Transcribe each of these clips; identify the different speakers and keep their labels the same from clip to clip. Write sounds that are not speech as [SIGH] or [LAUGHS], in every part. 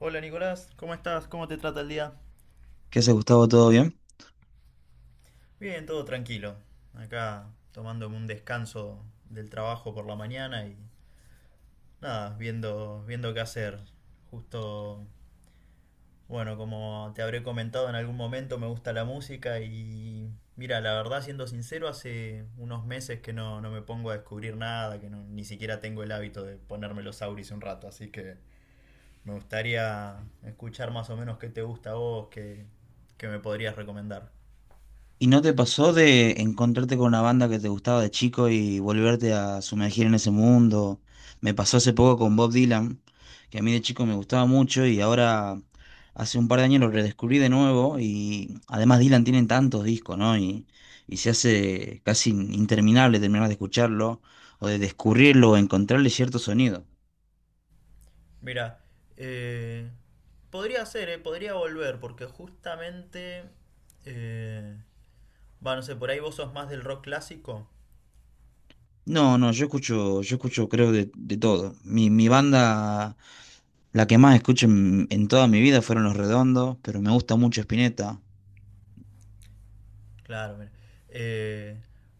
Speaker 1: Hola Nicolás, ¿cómo estás? ¿Cómo te trata el día?
Speaker 2: ¿Qué haces, Gustavo? ¿Todo bien?
Speaker 1: Bien, todo tranquilo. Acá tomándome un descanso del trabajo por la mañana y nada, viendo qué hacer. Justo, bueno, como te habré comentado en algún momento, me gusta la música y mira, la verdad, siendo sincero, hace unos meses que no me pongo a descubrir nada, que no- ni siquiera tengo el hábito de ponerme los auris un rato, así que me gustaría escuchar más o menos qué te gusta a vos, qué me podrías recomendar.
Speaker 2: ¿Y no te pasó de encontrarte con una banda que te gustaba de chico y volverte a sumergir en ese mundo? Me pasó hace poco con Bob Dylan, que a mí de chico me gustaba mucho y ahora hace un par de años lo redescubrí de nuevo y además Dylan tiene tantos discos, ¿no? Y se hace casi interminable terminar de escucharlo o de descubrirlo o encontrarle cierto sonido.
Speaker 1: Mira, eh, podría ser, podría volver, porque justamente, eh, va, no sé, por ahí vos sos más del rock clásico.
Speaker 2: No, no, yo escucho creo de todo. Mi banda, la que más escucho en toda mi vida fueron Los Redondos, pero me gusta mucho Spinetta.
Speaker 1: Claro, mira. Eh,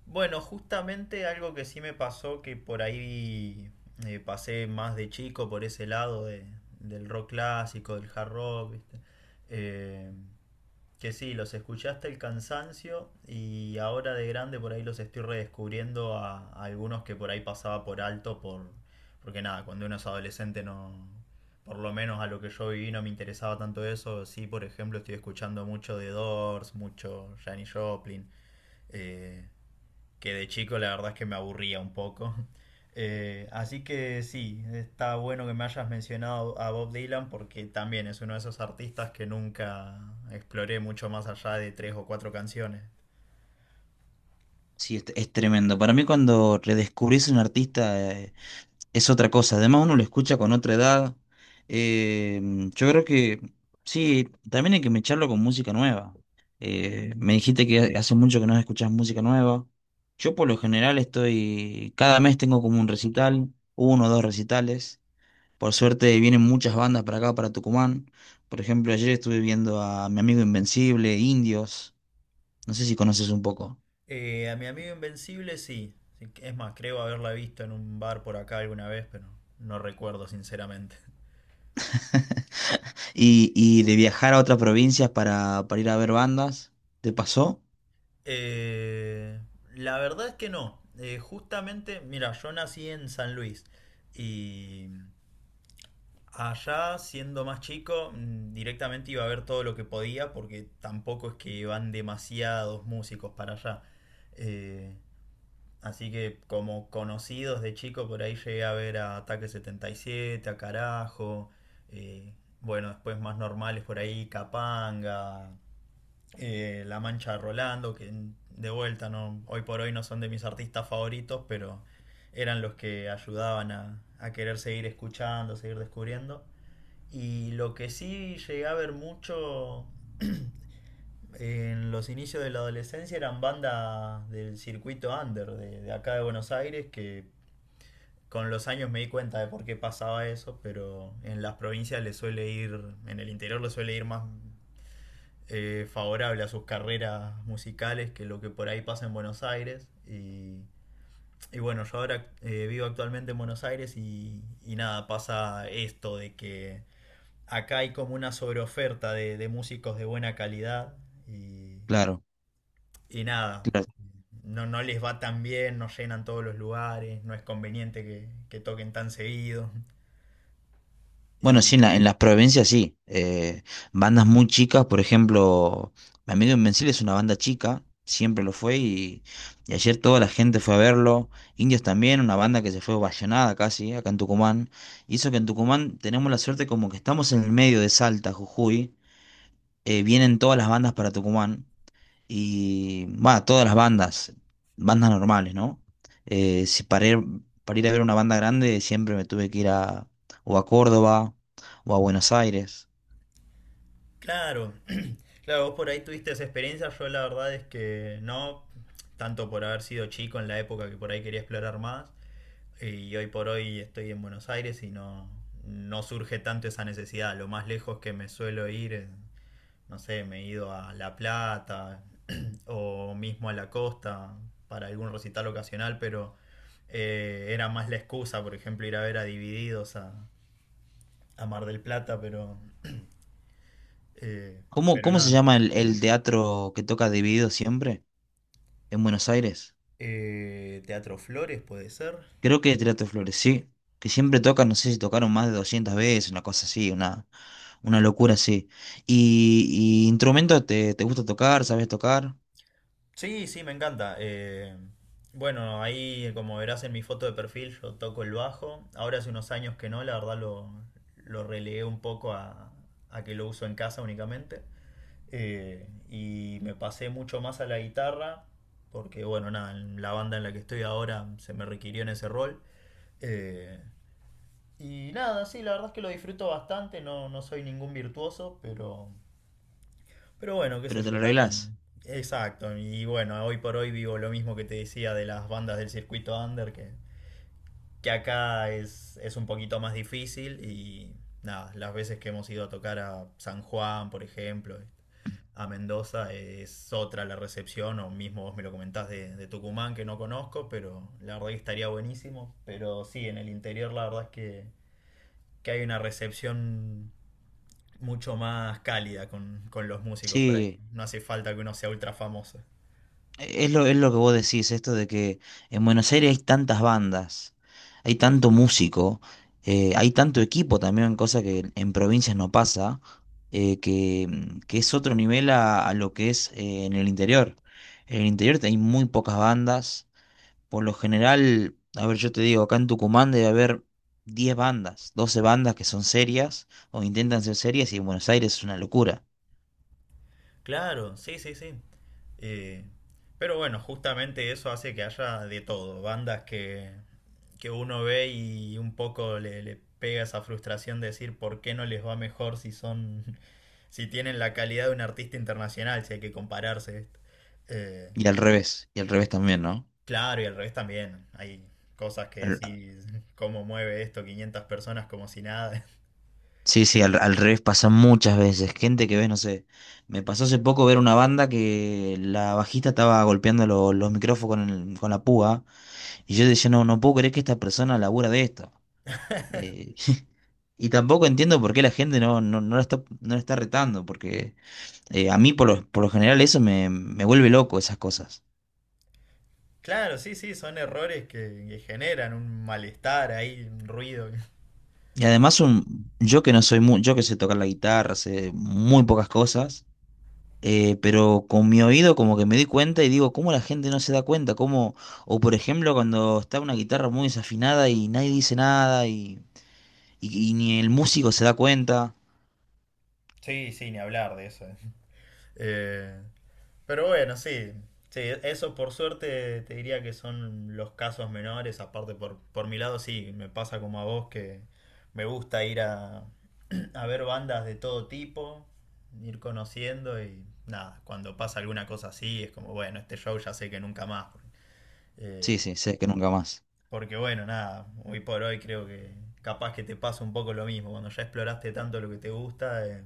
Speaker 1: bueno, justamente algo que sí me pasó, que por ahí pasé más de chico por ese lado del rock clásico, del hard rock, ¿viste? Eh, Que sí, los escuché hasta el cansancio y ahora de grande por ahí los estoy redescubriendo a algunos que por ahí pasaba por alto porque nada, cuando uno es adolescente no, por lo menos a lo que yo viví no me interesaba tanto eso. Sí, por ejemplo, estoy escuchando mucho de Doors, mucho Janis Joplin, eh, que de chico la verdad es que me aburría un poco. [LAUGHS] Así que sí, está bueno que me hayas mencionado a Bob Dylan porque también es uno de esos artistas que nunca exploré mucho más allá de tres o cuatro canciones.
Speaker 2: Sí, es tremendo. Para mí cuando redescubrís un artista es otra cosa. Además uno lo escucha con otra edad. Eh, yo creo que sí, también hay que mecharlo con música nueva. Me dijiste que hace mucho que no escuchás música nueva. Yo por lo general estoy, cada mes tengo como un recital, uno o dos recitales. Por suerte vienen muchas bandas para acá, para Tucumán. Por ejemplo, ayer estuve viendo a Mi Amigo Invencible, Indios. No sé si conoces un poco.
Speaker 1: A mi amigo Invencible sí. Sí, es más, creo haberla visto en un bar por acá alguna vez, pero no recuerdo sinceramente. [LAUGHS]
Speaker 2: [LAUGHS] Y de viajar a otras provincias para ir a ver bandas. ¿Te pasó?
Speaker 1: Eh, la verdad es que no. Justamente, mira, yo nací en San Luis y allá, siendo más chico, directamente iba a ver todo lo que podía porque tampoco es que van demasiados músicos para allá. Eh, Así que como conocidos de chico, por ahí llegué a ver a Ataque 77, a Carajo, eh, bueno, después más normales por ahí, Capanga, La Mancha de Rolando, que de vuelta no, hoy por hoy no son de mis artistas favoritos, pero eran los que ayudaban a querer seguir escuchando, seguir descubriendo. Y lo que sí llegué a ver mucho [CLEARS THROAT] [COUGHS] en los inicios de la adolescencia eran bandas del circuito under de acá de Buenos Aires que con los años me di cuenta de por qué pasaba eso, pero en las provincias le suele ir, en el interior le suele ir más favorable a sus carreras musicales que lo que por ahí pasa en Buenos Aires. Y bueno, yo ahora vivo actualmente en Buenos Aires y nada, pasa esto de que acá hay como una sobreoferta de músicos de buena calidad y,
Speaker 2: Claro.
Speaker 1: y nada,
Speaker 2: Claro.
Speaker 1: no les va tan bien, no llenan todos los lugares, no es conveniente que toquen tan seguido.
Speaker 2: Bueno,
Speaker 1: Y
Speaker 2: sí, en en las provincias sí. Bandas muy chicas, por ejemplo, Mi Amigo Invencible es una banda chica, siempre lo fue y ayer toda la gente fue a verlo. Indios también, una banda que se fue ovacionada casi, acá en Tucumán. Hizo que en Tucumán tenemos la suerte como que estamos en el medio de Salta, Jujuy, vienen todas las bandas para Tucumán. Y va, todas las bandas, bandas normales, ¿no? Si para ir a ver una banda grande siempre me tuve que ir a, o a Córdoba o a Buenos Aires.
Speaker 1: claro, [CLEARS THROAT] claro, vos por ahí tuviste esa experiencia, yo la verdad es que no, tanto por haber sido chico en la época que por ahí quería explorar más, y hoy por hoy estoy en Buenos Aires y no surge tanto esa necesidad. Lo más lejos que me suelo ir no sé, me he ido a La Plata [CLEARS THROAT] o mismo a la costa para algún recital ocasional, pero era más la excusa, por ejemplo, ir a ver a Divididos a Mar del Plata, pero, eh,
Speaker 2: ¿Cómo,
Speaker 1: pero
Speaker 2: cómo
Speaker 1: nada.
Speaker 2: se
Speaker 1: No.
Speaker 2: llama el teatro que toca Dividido siempre en Buenos Aires?
Speaker 1: Teatro Flores puede ser.
Speaker 2: Creo que Teatro Flores, sí. Que siempre tocan, no sé si tocaron más de 200 veces, una cosa así, una locura así. Y instrumento te gusta tocar, sabes tocar,
Speaker 1: Sí, sí, me encanta. Bueno, ahí como verás en mi foto de perfil yo toco el bajo. Ahora hace unos años que no, la verdad lo relegué un poco a que lo uso en casa únicamente. Y me pasé mucho más a la guitarra porque, bueno, nada, en la banda en la que estoy ahora se me requirió en ese rol. Eh, y nada, sí, la verdad es que lo disfruto bastante, no soy ningún virtuoso, pero bueno, qué sé
Speaker 2: pero te
Speaker 1: yo,
Speaker 2: lo arreglás?
Speaker 1: también. Exacto. Y bueno, hoy por hoy vivo lo mismo que te decía de las bandas del circuito under, que acá es un poquito más difícil y nada, las veces que hemos ido a tocar a San Juan, por ejemplo, a Mendoza, es otra la recepción, o mismo vos me lo comentás de Tucumán, que no conozco, pero la verdad que estaría buenísimo. Pero sí, en el interior la verdad es que hay una recepción mucho más cálida con los músicos por ahí.
Speaker 2: Sí.
Speaker 1: No hace falta que uno sea ultra famoso.
Speaker 2: Es lo que vos decís, esto de que en Buenos Aires hay tantas bandas, hay tanto músico, hay tanto equipo también, cosa que en provincias no pasa, que es otro nivel a lo que es en el interior. En el interior hay muy pocas bandas, por lo general, a ver, yo te digo, acá en Tucumán debe haber 10 bandas, 12 bandas que son serias o intentan ser serias y en Buenos Aires es una locura.
Speaker 1: Claro, sí, sí, sí. Eh, pero bueno, justamente eso hace que haya de todo. Bandas que uno ve y un poco le pega esa frustración de decir por qué no les va mejor si son, [LAUGHS] si tienen la calidad de un artista internacional, si hay que compararse. Eh,
Speaker 2: Y al revés también, ¿no?
Speaker 1: claro, y al revés también. Hay cosas que
Speaker 2: Al,
Speaker 1: decís, [LAUGHS] cómo mueve esto 500 personas como si nada.
Speaker 2: Sí, sí, al revés pasa muchas veces. Gente que ves, no sé. Me pasó hace poco ver una banda que la bajista estaba golpeando los micrófonos con, con la púa. Y yo decía, no, no puedo creer que esta persona labura de esto. Eh, [LAUGHS] y tampoco entiendo por qué la gente no, no, no la está, no la está retando. Porque a mí, por lo general, eso me vuelve loco, esas cosas.
Speaker 1: Claro, sí, sí, son errores que generan un malestar ahí, un ruido.
Speaker 2: Y además, un, yo que no soy muy, yo que sé tocar la guitarra, sé muy pocas cosas. Pero con mi oído como que me di cuenta y digo, ¿cómo la gente no se da cuenta? ¿Cómo? O por ejemplo, cuando está una guitarra muy desafinada y nadie dice nada y, y ni el músico se da cuenta.
Speaker 1: Sí, sí, ni hablar de eso. Eh, pero bueno, sí, sí, eso por suerte te diría que son los casos menores. Aparte, por mi lado, sí, me pasa como a vos que me gusta ir a, [CLEARS THROAT] a ver bandas de todo tipo, ir conociendo y nada, cuando pasa alguna cosa así es como, bueno, este show ya sé que nunca más. Eh,
Speaker 2: Sí, sí, sé que nunca más.
Speaker 1: Porque bueno, nada, hoy por hoy creo que capaz que te pasa un poco lo mismo. Cuando ya exploraste tanto lo que te gusta,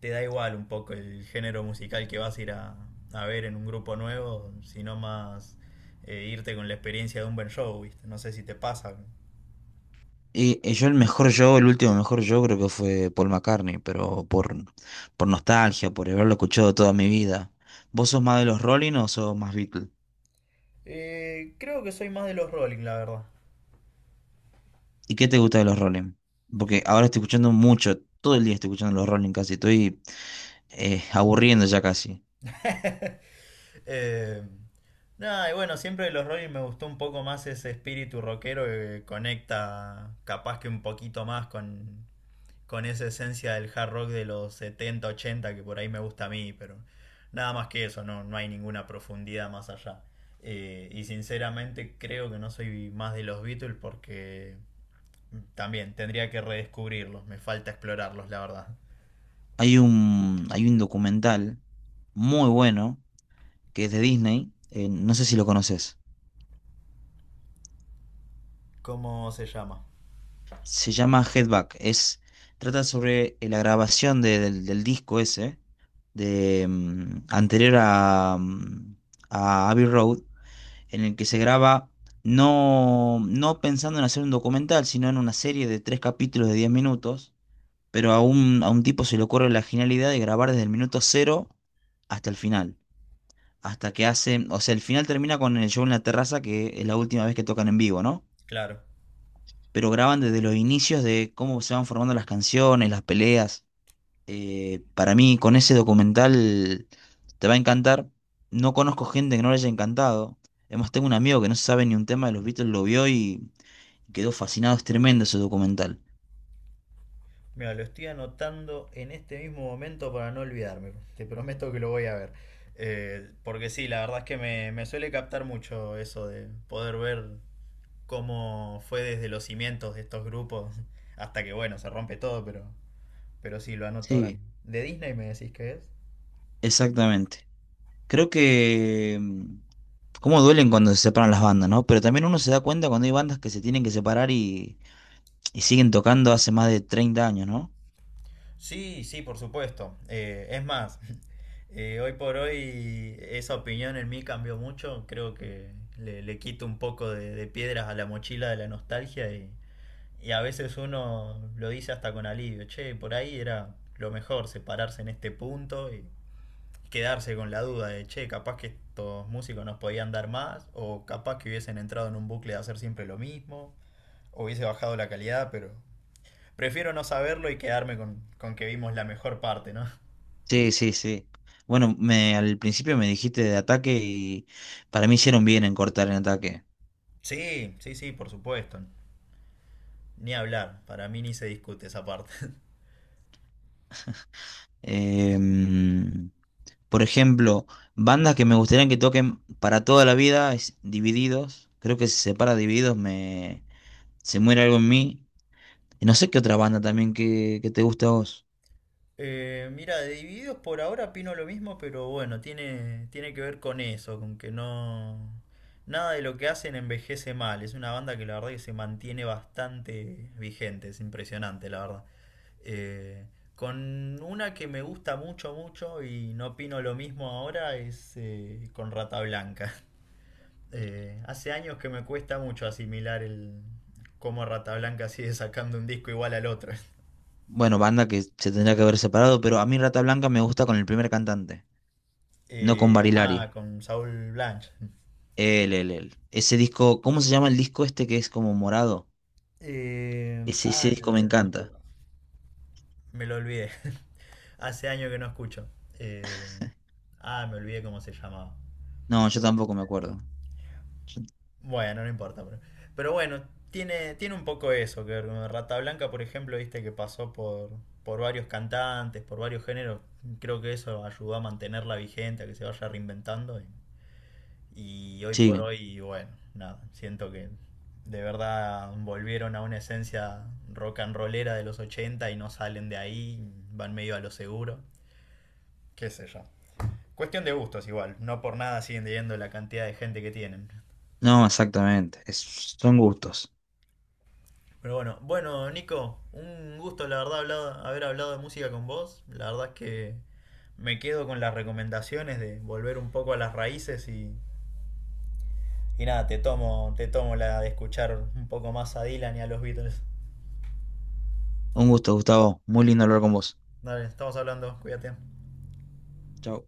Speaker 1: te da igual un poco el género musical que vas a ir a ver en un grupo nuevo, sino más irte con la experiencia de un buen show, ¿viste? No sé si te pasa.
Speaker 2: Y yo el mejor yo, El último mejor yo creo que fue Paul McCartney, pero por nostalgia, por haberlo escuchado toda mi vida. ¿Vos sos más de los Rolling o sos más Beatles?
Speaker 1: Creo que soy más de los Rolling, la verdad.
Speaker 2: ¿Y qué te gusta de los Rolling? Porque ahora estoy escuchando mucho, todo el día estoy escuchando los Rolling casi, estoy aburriendo ya casi.
Speaker 1: [LAUGHS] Eh, Nada, y bueno, siempre de los Rolling me gustó un poco más ese espíritu rockero que conecta capaz que un poquito más con esa esencia del hard rock de los 70 80 que por ahí me gusta a mí, pero nada más que eso, no hay ninguna profundidad más allá. Y sinceramente creo que no soy más de los Beatles porque también tendría que redescubrirlos, me falta explorarlos, la verdad.
Speaker 2: Hay un documental muy bueno que es de Disney, no sé si lo conoces.
Speaker 1: ¿Cómo se llama?
Speaker 2: Se llama Headback. Es, trata sobre la grabación del disco ese, de, anterior a, a Abbey Road, en el que se graba no, no pensando en hacer un documental, sino en una serie de tres capítulos de 10 minutos, pero a un tipo se le ocurre la genialidad de grabar desde el minuto cero hasta el final. Hasta que hacen, o sea, el final termina con el show en la terraza, que es la última vez que tocan en vivo, ¿no?
Speaker 1: Claro.
Speaker 2: Pero graban desde los inicios de cómo se van formando las canciones, las peleas. Para mí, con ese documental te va a encantar. No conozco gente que no le haya encantado. Además, tengo un amigo que no sabe ni un tema de los Beatles, lo vio y quedó fascinado. Es tremendo ese documental.
Speaker 1: Mira, lo estoy anotando en este mismo momento para no olvidarme. Te prometo que lo voy a ver. Porque sí, la verdad es que me suele captar mucho eso de poder ver cómo fue desde los cimientos de estos grupos hasta que, bueno, se rompe todo, pero sí, lo anoto ahora
Speaker 2: Sí,
Speaker 1: mismo. ¿De Disney me decís qué es?
Speaker 2: exactamente. Creo que cómo duelen cuando se separan las bandas, ¿no? Pero también uno se da cuenta cuando hay bandas que se tienen que separar y siguen tocando hace más de 30 años, ¿no?
Speaker 1: Sí, sí, por supuesto. Es más, [LAUGHS] hoy por hoy esa opinión en mí cambió mucho. Creo que le quito un poco de piedras a la mochila de la nostalgia y a veces uno lo dice hasta con alivio. Che, por ahí era lo mejor separarse en este punto y quedarse con la duda de, che, capaz que estos músicos nos podían dar más, o capaz que hubiesen entrado en un bucle de hacer siempre lo mismo, o hubiese bajado la calidad, pero prefiero no saberlo y quedarme con que vimos la mejor parte, ¿no?
Speaker 2: Sí, sí, sí. Bueno, me, al principio me dijiste de ataque y para mí hicieron bien en cortar en ataque.
Speaker 1: Sí, sí, sí, por supuesto. Ni hablar, para mí ni se discute esa parte.
Speaker 2: Em, por ejemplo, bandas que me gustaría que toquen para toda la vida es Divididos. Creo que si se separa Divididos se muere algo en mí. Y no sé qué otra banda también que te gusta a vos.
Speaker 1: Mira, de Divididos por ahora opino lo mismo, pero bueno, tiene que ver con eso, con que no... Nada de lo que hacen envejece mal. Es una banda que la verdad que se mantiene bastante vigente, es impresionante, la verdad. Eh, con una que me gusta mucho, mucho y no opino lo mismo ahora es con Rata Blanca. [LAUGHS] Hace años que me cuesta mucho asimilar el cómo Rata Blanca sigue sacando un disco igual al otro. [LAUGHS]
Speaker 2: Bueno, banda que se tendría que haber separado, pero a mí Rata Blanca me gusta con el primer cantante, no con
Speaker 1: Eh, ah,
Speaker 2: Barilari.
Speaker 1: con Saúl Blanch.
Speaker 2: El Ese disco, ¿cómo se llama el disco este que es como morado?
Speaker 1: Eh,
Speaker 2: Ese
Speaker 1: Ah, no, no, no, me
Speaker 2: disco me
Speaker 1: olvidé el nombre.
Speaker 2: encanta.
Speaker 1: Me lo olvidé. [LAUGHS] Hace años que no escucho. Eh, me olvidé cómo se llamaba.
Speaker 2: No, yo tampoco me acuerdo. Yo-
Speaker 1: Bueno, no importa. Pero bueno, tiene un poco eso que ver con Rata Blanca, por ejemplo, viste que pasó por varios cantantes, por varios géneros. Creo que eso ayudó a mantenerla vigente, a que se vaya reinventando. Y hoy por
Speaker 2: Sí,
Speaker 1: hoy, bueno, nada, siento que de verdad volvieron a una esencia rock and rollera de los 80 y no salen de ahí, van medio a lo seguro. Qué sé yo. Cuestión de gustos igual, no por nada siguen teniendo la cantidad de gente que tienen.
Speaker 2: no, exactamente. Es- son gustos.
Speaker 1: Pero bueno, bueno, Nico, un gusto la verdad haber hablado de música con vos. La verdad es que me quedo con las recomendaciones de volver un poco a las raíces y nada, te tomo la de escuchar un poco más a Dylan y a los Beatles.
Speaker 2: Un gusto, Gustavo. Muy lindo hablar con vos.
Speaker 1: Dale, estamos hablando, cuídate.
Speaker 2: Chao.